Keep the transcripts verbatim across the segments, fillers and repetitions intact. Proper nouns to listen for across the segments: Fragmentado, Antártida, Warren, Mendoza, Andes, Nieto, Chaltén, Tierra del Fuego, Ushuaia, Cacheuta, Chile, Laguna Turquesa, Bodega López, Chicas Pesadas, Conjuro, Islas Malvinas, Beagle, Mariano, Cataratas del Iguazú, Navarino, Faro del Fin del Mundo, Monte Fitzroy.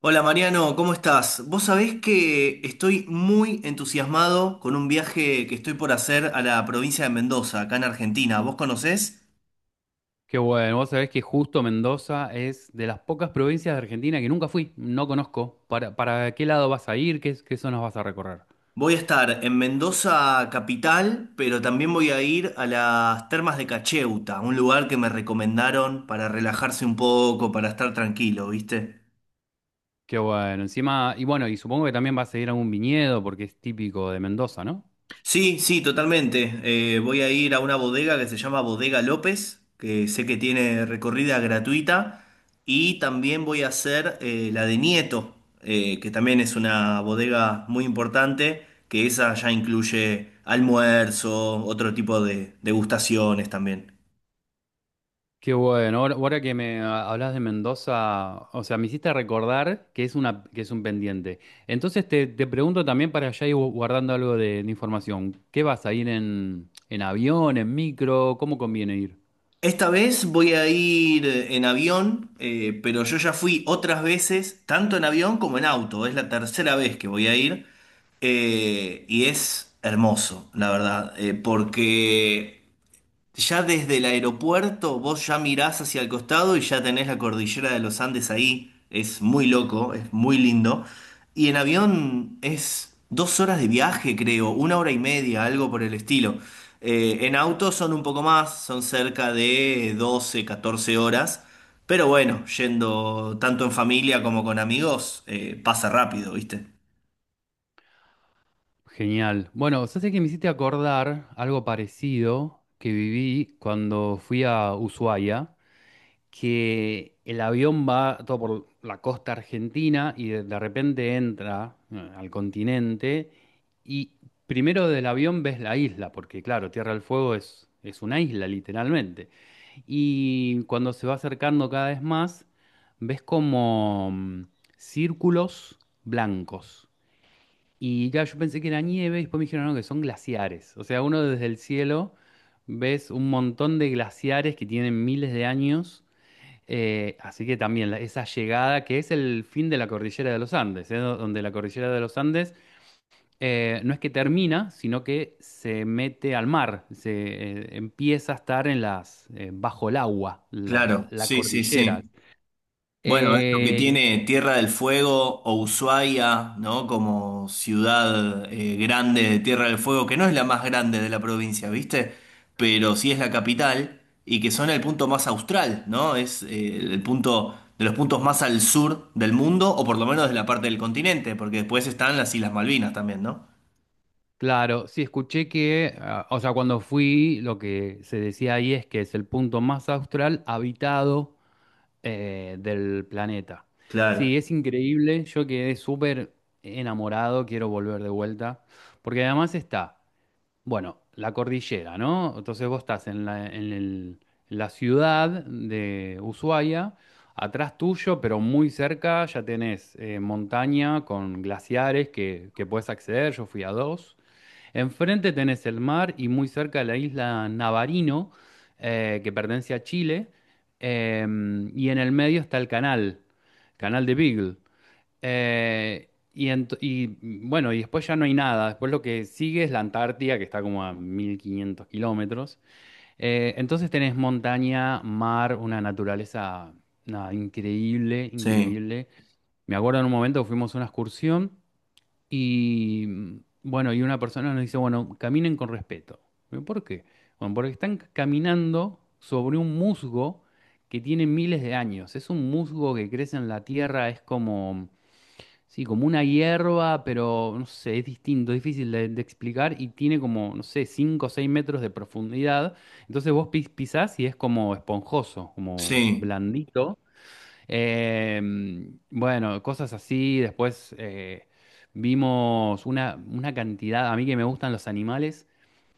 Hola Mariano, ¿cómo estás? Vos sabés que estoy muy entusiasmado con un viaje que estoy por hacer a la provincia de Mendoza, acá en Argentina. ¿Vos conocés? Qué bueno, vos sabés que justo Mendoza es de las pocas provincias de Argentina que nunca fui, no conozco. ¿Para, para qué lado vas a ir? ¿Qué, qué zonas vas a recorrer? Voy a estar en Mendoza capital, pero también voy a ir a las termas de Cacheuta, un lugar que me recomendaron para relajarse un poco, para estar tranquilo, ¿viste? Qué bueno, encima, y bueno, y supongo que también vas a ir a un viñedo porque es típico de Mendoza, ¿no? Sí, sí, totalmente. Eh, voy a ir a una bodega que se llama Bodega López, que sé que tiene recorrida gratuita, y también voy a hacer eh, la de Nieto, eh, que también es una bodega muy importante, que esa ya incluye almuerzo, otro tipo de degustaciones también. Qué bueno, ahora, ahora que me ah, hablas de Mendoza, o sea, me hiciste recordar que es una, que es un pendiente. Entonces te, te pregunto también para allá ir gu- guardando algo de, de información. ¿Qué vas a ir en, en avión, en micro? ¿Cómo conviene ir? Esta vez voy a ir en avión, eh, pero yo ya fui otras veces, tanto en avión como en auto. Es la tercera vez que voy a ir eh, y es hermoso, la verdad, eh, porque ya desde el aeropuerto vos ya mirás hacia el costado y ya tenés la cordillera de los Andes ahí. Es muy loco, es muy lindo. Y en avión es dos horas de viaje, creo, una hora y media, algo por el estilo. Eh, en auto son un poco más, son cerca de doce, catorce horas. Pero bueno, yendo tanto en familia como con amigos, eh, pasa rápido, ¿viste? Genial. Bueno, sé que me hiciste acordar algo parecido que viví cuando fui a Ushuaia, que el avión va todo por la costa argentina y de, de repente entra eh, al continente y primero del avión ves la isla, porque claro, Tierra del Fuego es, es una isla literalmente. Y cuando se va acercando cada vez más, ves como mm, círculos blancos y claro, yo pensé que era nieve y después me dijeron, no, que son glaciares. O sea, uno desde el cielo ves un montón de glaciares que tienen miles de años. Eh, así que también la- esa llegada que es el fin de la cordillera de los Andes, eh, do- donde la cordillera de los Andes eh, no es que termina, sino que se mete al mar, se eh, empieza a estar en las, eh, bajo el agua, la, Claro, la sí, sí, cordillera. sí. Bueno, es lo que Eh, tiene Tierra del Fuego o Ushuaia, ¿no? Como ciudad eh, grande de Tierra del Fuego, que no es la más grande de la provincia, ¿viste? Pero sí es la capital y que son el punto más austral, ¿no? Es eh, el punto de los puntos más al sur del mundo, o por lo menos de la parte del continente, porque después están las Islas Malvinas también, ¿no? Claro, sí, escuché que, ah, o sea, cuando fui, lo que se decía ahí es que es el punto más austral habitado eh, del planeta. Claro, Sí, es increíble, yo quedé súper enamorado, quiero volver de vuelta, porque además está, bueno, la cordillera, ¿no? Entonces vos estás en la, en el- en la ciudad de Ushuaia, atrás tuyo, pero muy cerca ya tenés eh, montaña con glaciares que, que puedes acceder, yo fui a dos. Enfrente tenés el mar y muy cerca la isla Navarino, eh, que pertenece a Chile, em, y en el medio está el canal, canal de Beagle. Eh, y, ent- y, bueno, y después ya no hay nada, después lo que sigue es la Antártida, que está como a mil quinientos kilómetros. Eh, entonces tenés montaña, mar, una naturaleza nada, increíble, sí, increíble. Me acuerdo en un momento que fuimos a una excursión. Y mm, bueno, y una persona nos dice, bueno, caminen con respeto. ¿Pero ¿Por qué? Bueno, porque están caminando sobre un musgo que tiene miles de años. Es un musgo que crece en la tierra, es como, sí, como una hierba, pero no sé, es distinto, difícil de, de explicar y tiene como, no sé, cinco o seis metros de profundidad. Entonces vos pis- pisás y es como esponjoso, como sí, blandito. Eh, bueno, cosas así. Después eh, vimos una, una cantidad, a mí que me gustan los animales,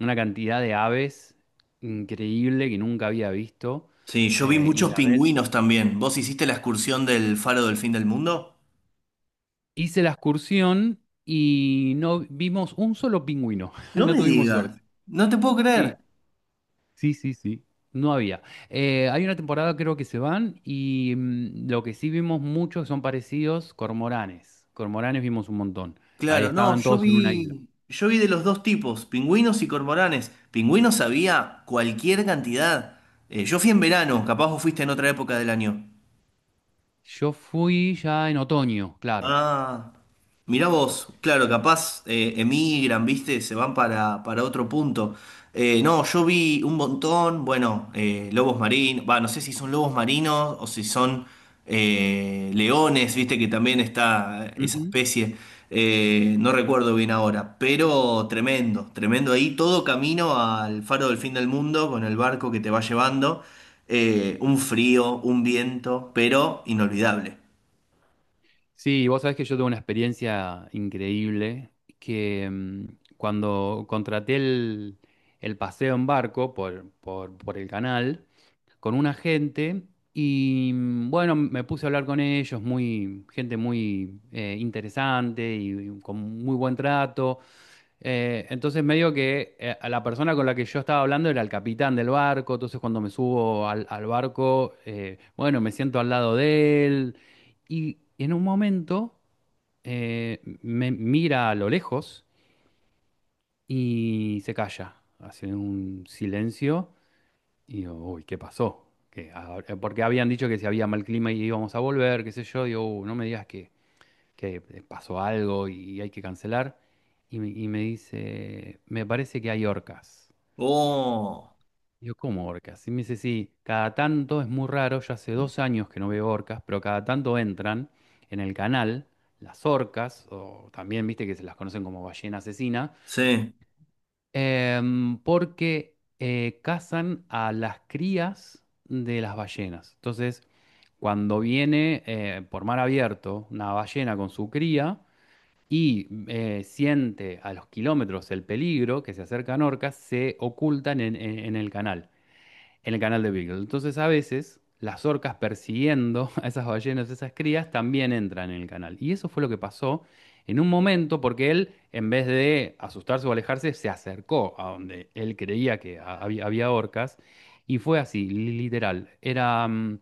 una cantidad de aves increíble que nunca había visto. sí. Yo vi eh, Y muchos la vez pingüinos también. ¿Vos hiciste la excursión del Faro del Fin del Mundo? hice la excursión y no vimos un solo pingüino. No No me tuvimos digas, suerte. no te puedo Sí, creer. sí, sí, sí. No había. Eh, hay una temporada creo que se van y mm, lo que sí vimos muchos son parecidos, cormoranes. Cormoranes vimos un montón. Ahí Claro, no, estaban yo todos en una isla. vi, yo vi de los dos tipos, pingüinos y cormoranes. Pingüinos había cualquier cantidad. Eh, yo fui en verano, capaz vos fuiste en otra época del año. Yo fui ya en otoño, claro. Ah, mirá vos, claro, capaz eh, emigran, viste, se van para, para otro punto. Eh, no, yo vi un montón, bueno, eh, lobos marinos, va, no sé si son lobos marinos o si son eh, leones, viste que también está esa Ujú. especie, eh, no recuerdo bien ahora, pero tremendo, tremendo ahí, todo camino al faro del fin del mundo con el barco que te va llevando, eh, un frío, un viento, pero inolvidable. Sí, vos sabés que yo tuve una experiencia increíble que mm, cuando contraté el, el paseo en barco por, por, por el canal, con una gente y mm, bueno, me puse a hablar con ellos, muy, gente muy eh, interesante y, y con muy buen trato. Eh, entonces medio que eh, a la persona con la que yo estaba hablando era el capitán del barco, entonces cuando me subo al, al barco, eh, bueno, me siento al lado de él y en un momento eh, me mira a lo lejos y se calla, hace un silencio. Y digo, uy, ¿qué pasó? Que ahora- eh, porque habían dicho que si había mal clima y íbamos a volver, qué sé yo, digo, "Uh, no me digas que, que pasó algo y hay que cancelar". Y me, y me dice, me parece que hay orcas. Oh. Digo, ¿cómo orcas? Y me dice, sí, cada tanto es muy raro, ya hace dos años que no veo orcas, pero cada tanto entran en el canal las orcas, o también viste que se las conocen como ballena asesina. Sí, Em, porque eh, cazan a las crías de las ballenas. Entonces, cuando viene eh, por mar abierto una ballena con su cría y eh, siente a los kilómetros el peligro que se acercan orcas, se ocultan en, en- en el canal en el canal de Beagle. Entonces, a veces, las orcas persiguiendo a esas ballenas, esas crías, también entran en el canal. Y eso fue lo que pasó en un momento, porque él, en vez de asustarse o alejarse, se acercó a donde él creía que había, había orcas. Y fue así, li- literal. Era mm,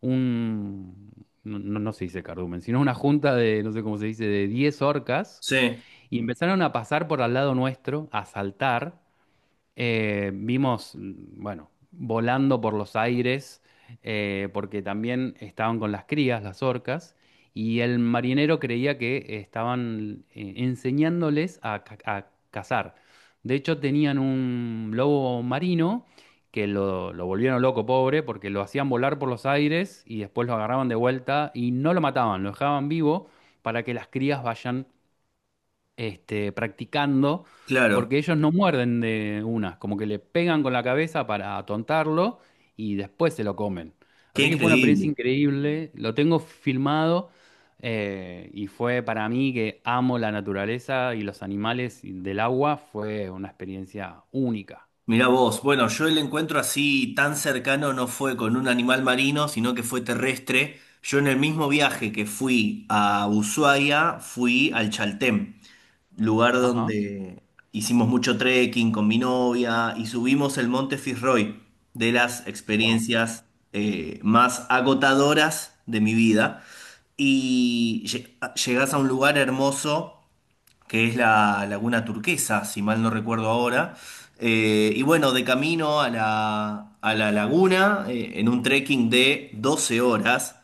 un... No, no- no se dice cardumen, sino una junta de, no sé cómo se dice, de diez orcas, sí, y empezaron a pasar por al lado nuestro, a saltar, eh, vimos, mm, bueno, volando por los aires, eh, porque también estaban con las crías, las orcas, y el marinero creía que estaban eh, enseñándoles a, ca- a cazar. De hecho, tenían un lobo marino que lo, lo volvieron loco, pobre, porque lo hacían volar por los aires y después lo agarraban de vuelta y no lo mataban, lo dejaban vivo para que las crías vayan este, practicando, claro. porque ellos no muerden de una, como que le pegan con la cabeza para atontarlo y después se lo comen. Qué Así que fue una experiencia increíble. increíble, lo tengo filmado eh, y fue para mí que amo la naturaleza y los animales y del agua, fue una experiencia única. Mirá vos. Bueno, yo el encuentro así tan cercano no fue con un animal marino, sino que fue terrestre. Yo en el mismo viaje que fui a Ushuaia, fui al Chaltén, lugar Ajá. donde hicimos mucho trekking con mi novia y subimos el Monte Fitzroy, de las Wow. experiencias eh, más agotadoras de mi vida. Y lle- llegas a un lugar hermoso que es la Laguna Turquesa, si mal no recuerdo ahora. Eh, y bueno, de camino a la, a la laguna, eh, en un trekking de doce horas,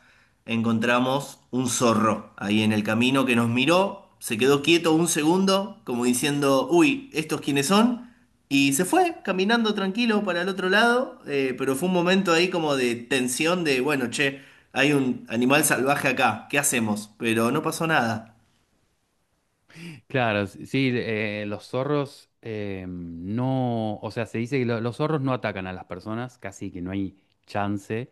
encontramos un zorro ahí en el camino que nos miró, se quedó quieto un segundo, como diciendo, uy, ¿estos quiénes son? Y se fue caminando tranquilo para el otro lado, eh, pero fue un momento ahí como de tensión de, bueno, che, hay un animal salvaje acá, ¿qué hacemos? Pero no pasó nada. Claro, s- sí, eh, los zorros eh, no, o sea, se dice que lo- los zorros no atacan a las personas, casi que no hay chance.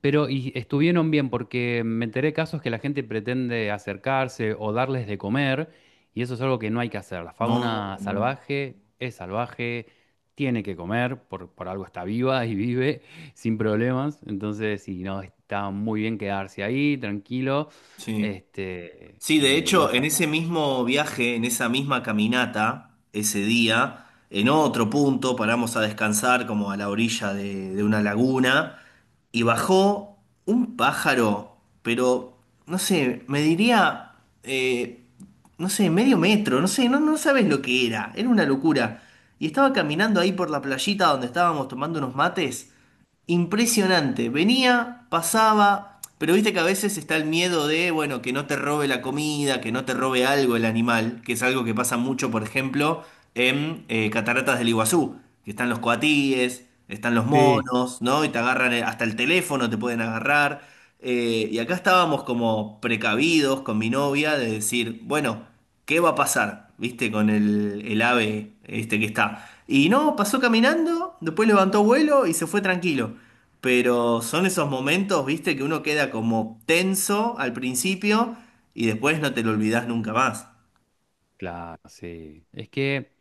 Pero y estuvieron bien porque me enteré de casos que la gente pretende acercarse o darles de comer y eso es algo que no hay que hacer. La No, fauna no. salvaje es salvaje, tiene que comer, por, por algo está viva y vive sin problemas. Entonces, sí, no, está muy bien quedarse ahí, tranquilo, Sí. este, Sí, de y no hecho, hacer en ese nada. mismo viaje, en esa misma caminata, ese día, en otro punto paramos a descansar como a la orilla de, de una laguna y bajó un pájaro, pero no sé, me diría, eh, no sé, medio metro, no sé, no, no sabes lo que era, era una locura. Y estaba caminando ahí por la playita donde estábamos tomando unos mates. Impresionante. Venía, pasaba, pero viste que a veces está el miedo de, bueno, que no te robe la comida, que no te robe algo el animal, que es algo que pasa mucho, por ejemplo, en eh, Cataratas del Iguazú, que están los coatíes, están los Sí. monos, ¿no? Y te agarran eh, hasta el teléfono, te pueden agarrar. Eh, y acá estábamos como precavidos con mi novia de decir, bueno, ¿qué va a pasar? ¿Viste? Con el, el ave este que está. Y no, pasó caminando, después levantó vuelo y se fue tranquilo. Pero son esos momentos, ¿viste? Que uno queda como tenso al principio y después no te lo olvidás nunca más. Claro, sí. Es que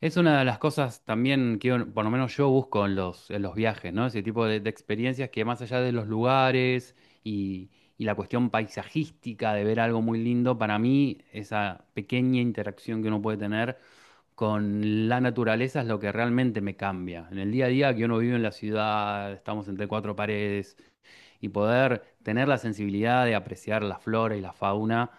es una de las cosas también que uno- por lo menos yo busco en los, en los viajes, ¿no? Ese tipo de, de experiencias que más allá de los lugares y, y la cuestión paisajística de ver algo muy lindo, para mí esa pequeña interacción que uno puede tener con la naturaleza es lo que realmente me cambia. En el día a día que uno vive en la ciudad, estamos entre cuatro paredes, y poder tener la sensibilidad de apreciar la flora y la fauna,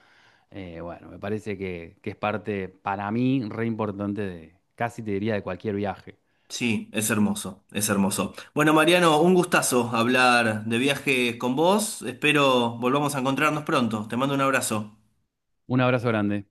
eh, bueno, me parece que, que es parte para mí re importante de, casi te diría, de cualquier viaje. Sí, es hermoso, es hermoso. Bueno, Mariano, un gustazo hablar de viajes con vos. Espero volvamos a encontrarnos pronto. Te mando un abrazo. Un abrazo grande.